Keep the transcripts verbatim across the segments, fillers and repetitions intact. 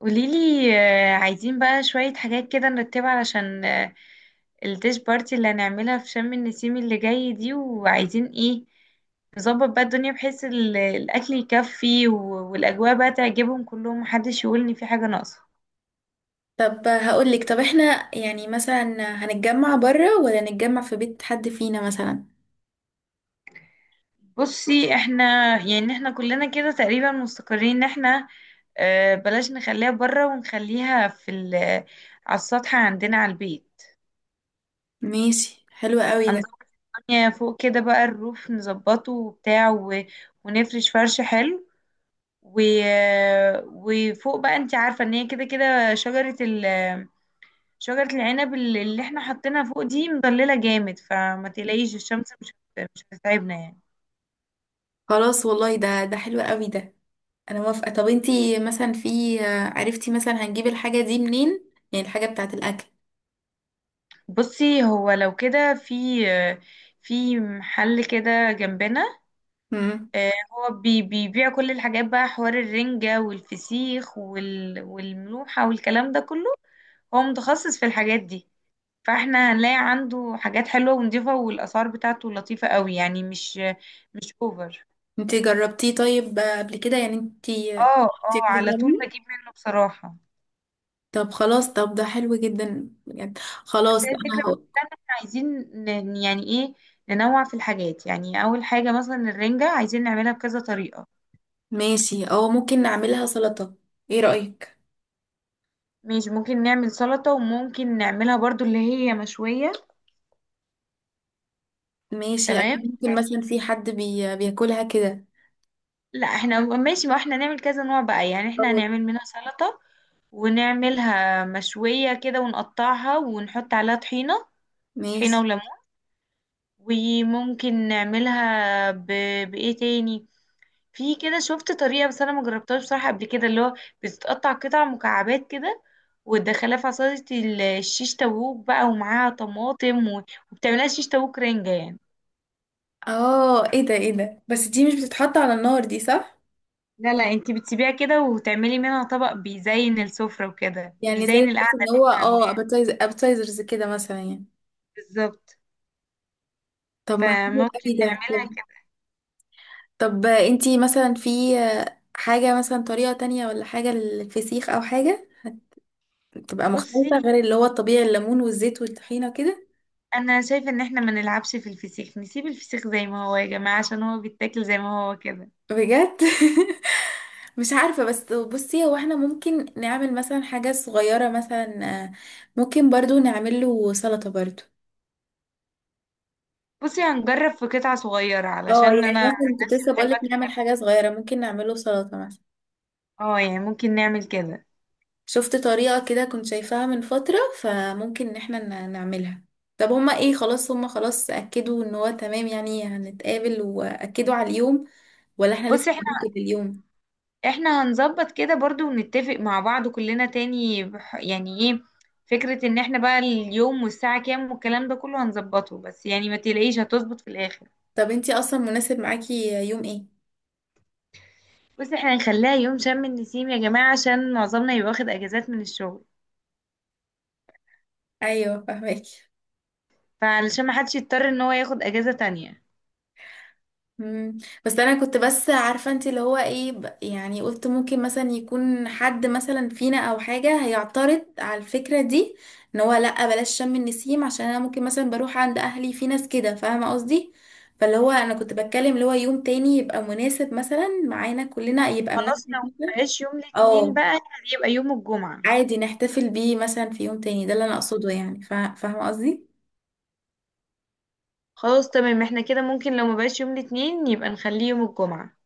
قوليلي، آه، عايزين بقى شوية حاجات كده نرتبها علشان آه، الديش بارتي اللي هنعملها في شم النسيم اللي جاي دي. وعايزين ايه نظبط بقى الدنيا بحيث ال- الأكل يكفي و- والأجواء بقى تعجبهم كلهم، محدش يقولني في حاجة ناقصة. طب هقولك، طب احنا يعني مثلا هنتجمع بره ولا نتجمع في بيت حد فينا مثلا؟ بصي احنا يعني احنا كلنا كده تقريبا مستقرين ان احنا، آه، بلاش نخليها بره، ونخليها في ال- على السطح عندنا على البيت. ماشي، حلو قوي ده. هنظبط الدنيا فوق كده بقى، الروف نظبطه وبتاع و... ونفرش فرش حلو، و... وفوق بقى انت عارفة ان هي كده كده شجرة ال... شجرة العنب اللي اللي احنا حاطينها فوق دي مضللة جامد، فما تقلقيش الشمس مش هت- مش هتتعبنا يعني. خلاص والله، ده ده حلو قوي ده. انا موافقة. طب انتي مثلا، في عرفتي مثلا هنجيب الحاجة دي منين؟ يعني الحاجة بتاعة الاكل. بصي هو لو كده في في محل كده جنبنا، امم آه، هو بي- بيبيع كل الحاجات بقى، حوار الرنجة والفسيخ وال... والملوحة والكلام ده كله. هو متخصص في الحاجات دي، فاحنا هنلاقي عنده حاجات حلوة ونضيفة، والأسعار بتاعته لطيفة قوي يعني، مش مش اوفر. انتي جربتيه طيب قبل كده؟ يعني انتي، اه انتي اه، على طول بتعملي؟ بجيب منه بصراحة. طب خلاص، طب ده حلو جدا بجد. خلاص بس هي انا الفكرة بقى هقول كلها إن احنا عايزين ن- يعني ايه، ننوع في الحاجات. يعني أول حاجة مثلا الرنجة عايزين نعملها بكذا طريقة، ماشي. او ممكن نعملها سلطة، ايه رأيك؟ مش ممكن نعمل سلطة، وممكن نعملها برضو اللي هي مشوية. ماشي، تمام، اكيد ممكن، يعني مثلا في حد بي... بياكلها كده. لا احنا ماشي، ما احنا نعمل كذا نوع بقى، يعني احنا أوه. هنعمل منها سلطة، ونعملها مشوية كده ونقطعها ونحط عليها طحينة، ماشي. طحينة وليمون. وممكن نعملها ب... بإيه تاني، في كده شفت طريقة بس أنا ما جربتهاش بصراحة قبل كده، اللي هو بتتقطع قطع مكعبات كده، وتدخلها في عصاية ال- الشيش تاووك بقى، ومعاها طماطم و... وبتعملها شيش تاووك رنجة يعني. اه ايه ده، ايه ده؟ بس دي مش بتتحط على النار دي، صح؟ لا لا، انتي بتسيبيها كده وتعملي منها طبق بيزين السفرة وكده يعني زي بيزين بس القعدة ان اللي هو، انت اه عاملاها. ابيتايز، ابيتايزرز كده مثلا يعني. بالظبط، طب ما حلو فممكن قوي ده. نعملها كده. طب انتي مثلا، في حاجة مثلا طريقة تانية، ولا حاجة للفسيخ او حاجة تبقى بصي مختلفة غير اللي هو الطبيعي، الليمون والزيت والطحينة كده؟ انا شايفه ان احنا ما نلعبش في الفسيخ، نسيب الفسيخ زي ما هو يا جماعه، عشان هو بيتاكل زي ما هو كده. بجد؟ مش عارفة، بس بصي هو احنا ممكن نعمل مثلا حاجة صغيرة مثلا، آه، ممكن برضو نعمل له سلطة برضو. بصي هنجرب في قطعه صغيره، اه علشان يعني انا عن مثلا كنت نفسي لسه بحب بقولك اكل. نعمل حاجة صغيرة، ممكن نعمل له سلطة مثلا. اه يعني ممكن نعمل كده. شفت طريقة كده كنت شايفاها من فترة، فممكن ان احنا ن- نعملها. طب هما ايه، خلاص هما خلاص أكدوا ان هو تمام يعني هنتقابل وأكدوا على اليوم، ولا احنا لسه بصي احنا، هنرتب اليوم؟ احنا هنظبط كده برضو، ونتفق مع بعض كلنا تاني بح- يعني ايه، فكره ان احنا بقى اليوم والساعه كام والكلام ده كله هنظبطه، بس يعني ما تلاقيش هتظبط في الاخر. طب انتي اصلا مناسب معاكي يوم ايه؟ بصي احنا هنخليها يوم شم النسيم يا جماعه، عشان معظمنا يبقى واخد اجازات من الشغل، ايوه فاهمك. فعلشان ما حدش يضطر ان هو ياخد اجازه تانية. مم. بس انا كنت بس عارفه انت اللي هو ايه، ب- يعني قلت ممكن مثلا يكون حد مثلا فينا او حاجه هيعترض على الفكره دي، ان هو لا بلاش شم النسيم عشان انا ممكن مثلا بروح عند اهلي، في ناس كده فاهمه قصدي. فاللي هو انا كنت بتكلم اللي هو يوم تاني يبقى مناسب مثلا معانا كلنا، يبقى خلاص، مناسب لو ما مثلا. بقاش يوم الاثنين او بقى، يبقى يوم الجمعة. عادي نحتفل بيه مثلا في يوم تاني، ده اللي انا اقصده يعني، فا- فاهمه قصدي؟ خلاص تمام، احنا كده ممكن لو ما بقاش يوم الاثنين يبقى نخليه يوم الجمعة.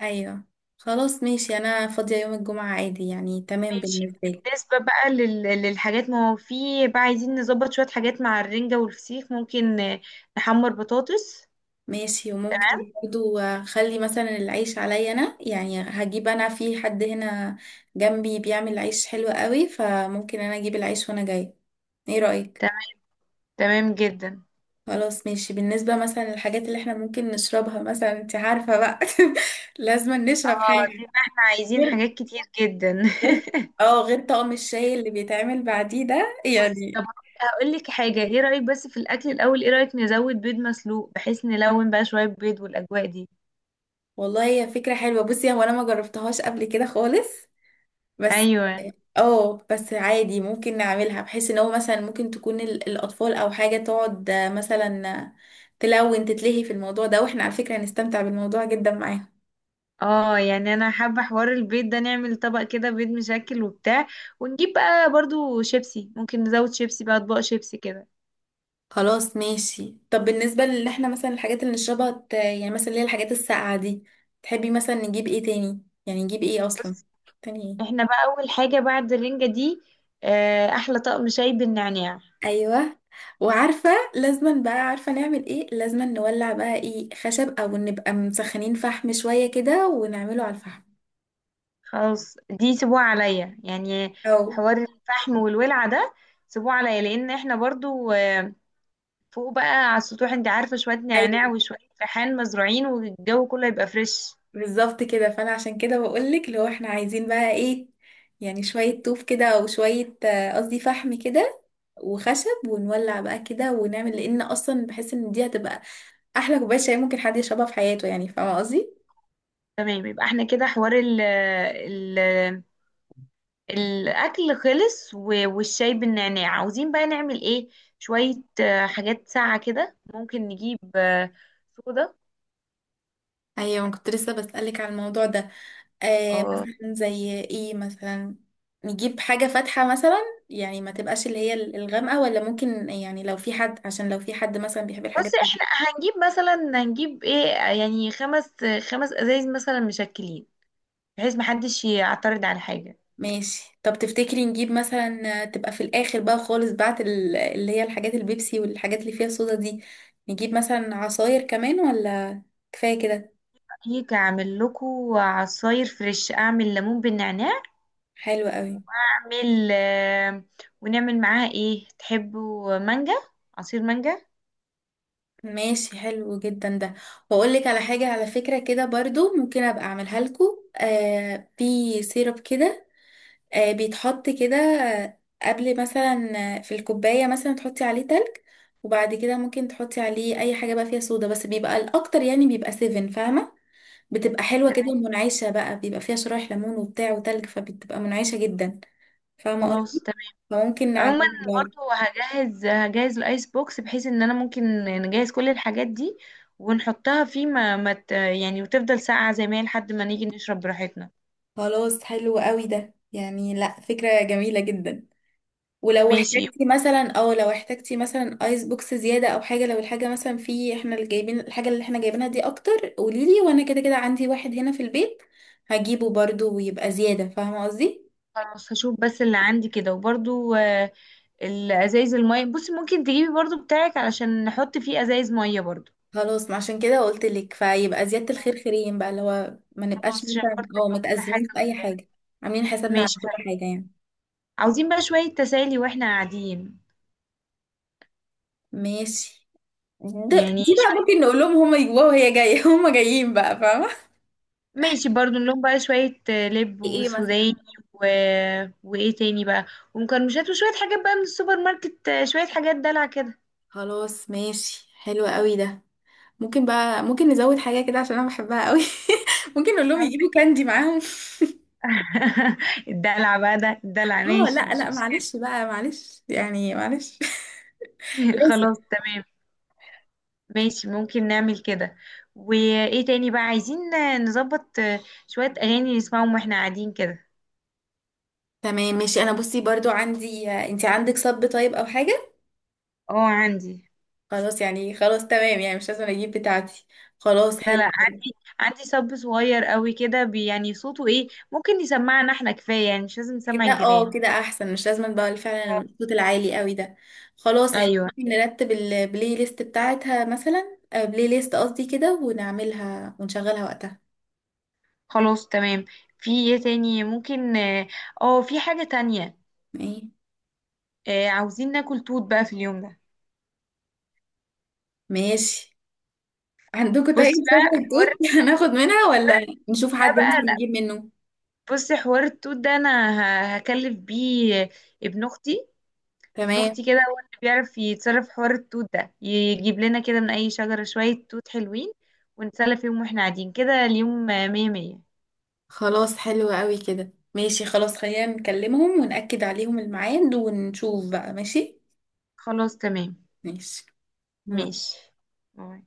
ايوه خلاص ماشي، انا فاضيه يوم الجمعه عادي يعني، تمام ماشي. بالنسبه لي. بالنسبة بقى لل... للحاجات، ما هو في بقى عايزين نظبط شوية حاجات مع الرنجة والفسيخ. ممكن آه، نحمر بطاطس. ماشي. وممكن برضو اخلي مثلا العيش عليا انا، يعني هجيب انا، في حد هنا جنبي بيعمل عيش حلو قوي، فممكن انا اجيب العيش وانا جاي، ايه رأيك؟ تمام، تمام جدا. خلاص ماشي. بالنسبة مثلا للحاجات اللي احنا ممكن نشربها مثلا، انت عارفة بقى لازم نشرب اه دي حاجة بقى احنا عايزين غير، حاجات كتير جدا غير، اه غير طقم الشاي اللي بيتعمل بعديه ده بس طب يعني. هقول لك حاجة، ايه رأيك بس في الأكل الأول، ايه رأيك نزود بيض مسلوق، بحيث نلون بقى شوية بيض والأجواء دي. والله هي فكرة حلوة. بصي هو انا ما جربتهاش قبل كده خالص، بس ايوه. اه، بس عادي ممكن نعملها بحيث ان هو مثلا ممكن تكون ال- الاطفال او حاجه تقعد، آه، مثلا، آه، تلون، تتلهي في الموضوع ده، واحنا على فكره هنستمتع بالموضوع جدا معاهم. اه يعني انا حابة حوار البيض ده، نعمل طبق كده بيض مشكل وبتاع، ونجيب بقى برضو شيبسي، ممكن نزود شيبسي بقى، اطباق شيبسي كده. خلاص ماشي. طب بالنسبه لان احنا مثلا الحاجات اللي نشربها، ت- يعني مثلا اللي هي الحاجات الساقعه دي، تحبي مثلا نجيب ايه تاني؟ يعني نجيب ايه اصلا بس تاني؟ ايه؟ احنا بقى اول حاجة بعد الرنجة دي، آه، احلى طقم شاي بالنعناع. ايوه. وعارفه لازما بقى، عارفه نعمل ايه؟ لازما نولع بقى ايه، خشب او نبقى مسخنين فحم شويه كده ونعمله على الفحم؟ خلاص دي سيبوها عليا يعني، او حوار الفحم والولعة ده سيبوه عليا، لان احنا برضو آه، فوق بقى على السطوح، انت عارفة شوية نعناع وشوية ريحان مزروعين والجو كله يبقى فريش. بالظبط كده. فانا عشان كده بقولك لو احنا عايزين بقى ايه، يعني شوية طوف كده او شوية، آه، قصدي فحم كده وخشب، ونولع بقى كده ونعمل، لان اصلا بحس ان دي هتبقى احلى كوباية شاي ممكن حد يشربها في حياته، يعني فاهمة قصدي؟ تمام، يبقى احنا كده حوار ال الاكل خلص، و- والشاي بالنعناع عاوزين بقى نعمل ايه، شوية آه، حاجات ساقعة كده. ممكن نجيب آه، صودا. ايوه انا كنت لسه بسألك على الموضوع ده. آه اه. مثلا زي ايه مثلا؟ نجيب حاجة فاتحة مثلا، يعني ما تبقاش اللي هي الغامقة، ولا ممكن يعني لو في حد، عشان لو في حد مثلا بيحب بس الحاجات. احنا هنجيب مثلا، هنجيب ايه آه، يعني خمس خمس ازايز مثلا مشكلين، بحيث محدش يعترض على حاجة. ماشي. طب تفتكري نجيب مثلا تبقى في الاخر بقى خالص بعد ال- اللي هي الحاجات البيبسي والحاجات اللي فيها صودا دي، نجيب مثلا عصاير كمان، ولا كفاية كده؟ هيك اعمل لكم عصاير فريش، اعمل ليمون بالنعناع، حلو قوي. واعمل آه، ونعمل معاها ايه، تحبوا مانجا، عصير مانجا. ماشي، حلو جدا ده. واقول لك على حاجة على فكرة كده برضو ممكن ابقى اعملها لكم، آه في سيرب كده، آه بيتحط كده، آه، قبل مثلا، آه، في الكوباية مثلا تحطي عليه تلج، وبعد كده ممكن تحطي عليه اي حاجة بقى فيها صودا، بس بيبقى الاكتر يعني بيبقى سفن، فاهمة؟ بتبقى حلوة كده تمام. ومنعشة بقى، بيبقى فيها شرايح ليمون وبتاع وتلج، فبتبقى منعشة جدا، فاهمة خلاص، قصدي؟ فممكن عموما نعملها برضه. برضو هجهز هجهز الايس بوكس، بحيث ان انا ممكن نجهز كل الحاجات دي ونحطها فيه، ما, ما ت- يعني وتفضل ساقعة زي ما هي لحد ما نيجي نشرب براحتنا. خلاص، حلو قوي ده يعني، لا فكرة جميلة جدا. ولو ماشي. احتجتي مثلا، او لو احتجتي مثلا ايس بوكس زيادة او حاجة، لو الحاجة مثلا في، احنا اللي جايبين الحاجة اللي احنا جايبينها دي اكتر، قوليلي وانا كده كده عندي واحد هنا في البيت، هجيبه برضه ويبقى زيادة، فاهمة قصدي؟ خلاص هشوف بس اللي عندي كده، وبرضو آه، الازايز المية، بصي ممكن تجيبي برضو بتاعك علشان نحط فيه ازايز مية برضو. خلاص، ما عشان كده قلت لك، فيبقى زيادة الخير خيرين بقى، اللي هو ما نبقاش خلاص، عشان مثلا برضو اه يبقى كل متأزمين حاجة في أي كويسة. حاجة. عاملين حسابنا على ماشي، كل حلو. حاجة يعني. عاوزين بقى شوية تسالي واحنا قاعدين، ماشي. ده يعني دي بقى شوية، ممكن نقول لهم هما يجوا وهي جاية هما جايين بقى، فاهمة؟ ماشي برضو، نلوم بقى شوية آه، لب ايه مثلا؟ وسوداني، و... وإيه تاني بقى، ومكرمشات، وشوية حاجات بقى من السوبر ماركت، آه، شوية حاجات دلع كده. خلاص ماشي، حلو قوي ده. ممكن بقى، ممكن نزود حاجة كده عشان أنا بحبها قوي ممكن نقول لهم يجيبوا كاندي معاهم. الدلع بقى ده، الدلع اه ماشي لا مش لا، مشكلة. معلش بقى، معلش يعني، معلش. لازم. خلاص تمام. ماشي، ممكن نعمل كده. وإيه تاني بقى عايزين آه، نظبط آه، شوية أغاني نسمعهم وإحنا قاعدين كده. تمام ماشي. أنا بصي برضو عندي، انت عندك صب طيب أو حاجة؟ اه عندي. خلاص يعني، خلاص تمام يعني، مش لازم اجيب بتاعتي. خلاص، لا حلو لا، عندي صب صغير قوي كده بي- يعني صوته ايه، ممكن يسمعنا احنا كفاية يعني، مش لازم نسمع كده. اه الجيران. كده احسن، مش لازم بقى فعلا آه. الصوت العالي قوي ده. خلاص، احنا ايوه، ممكن نرتب البلاي ليست بتاعتها مثلا، آه، بلاي ليست قصدي كده، ونعملها ونشغلها وقتها. خلاص تمام. في ايه تاني ممكن، اه آه، في حاجة تانية. ايه؟ آه عاوزين ناكل توت بقى في اليوم ده. ماشي. عندكم طيب بصي بقى شجرة حوار توت؟ هناخد منها، ولا نشوف ده حد ممكن بقى، نجيب لا، منه؟ بصي حوار التوت ده انا ه- هكلف بيه ابن اختي ابن تمام. اختي كده هو اللي بيعرف يتصرف في حوار التوت ده، يجيب لنا كده من اي شجرة شوية توت حلوين، ونتسلى فيهم واحنا قاعدين كده اليوم. آه، مية مية. خلاص، حلو قوي كده. ماشي خلاص، خلينا نكلمهم ونأكد عليهم الميعاد ونشوف بقى. ماشي. خلاص تمام. ماشي. ماشي، باي.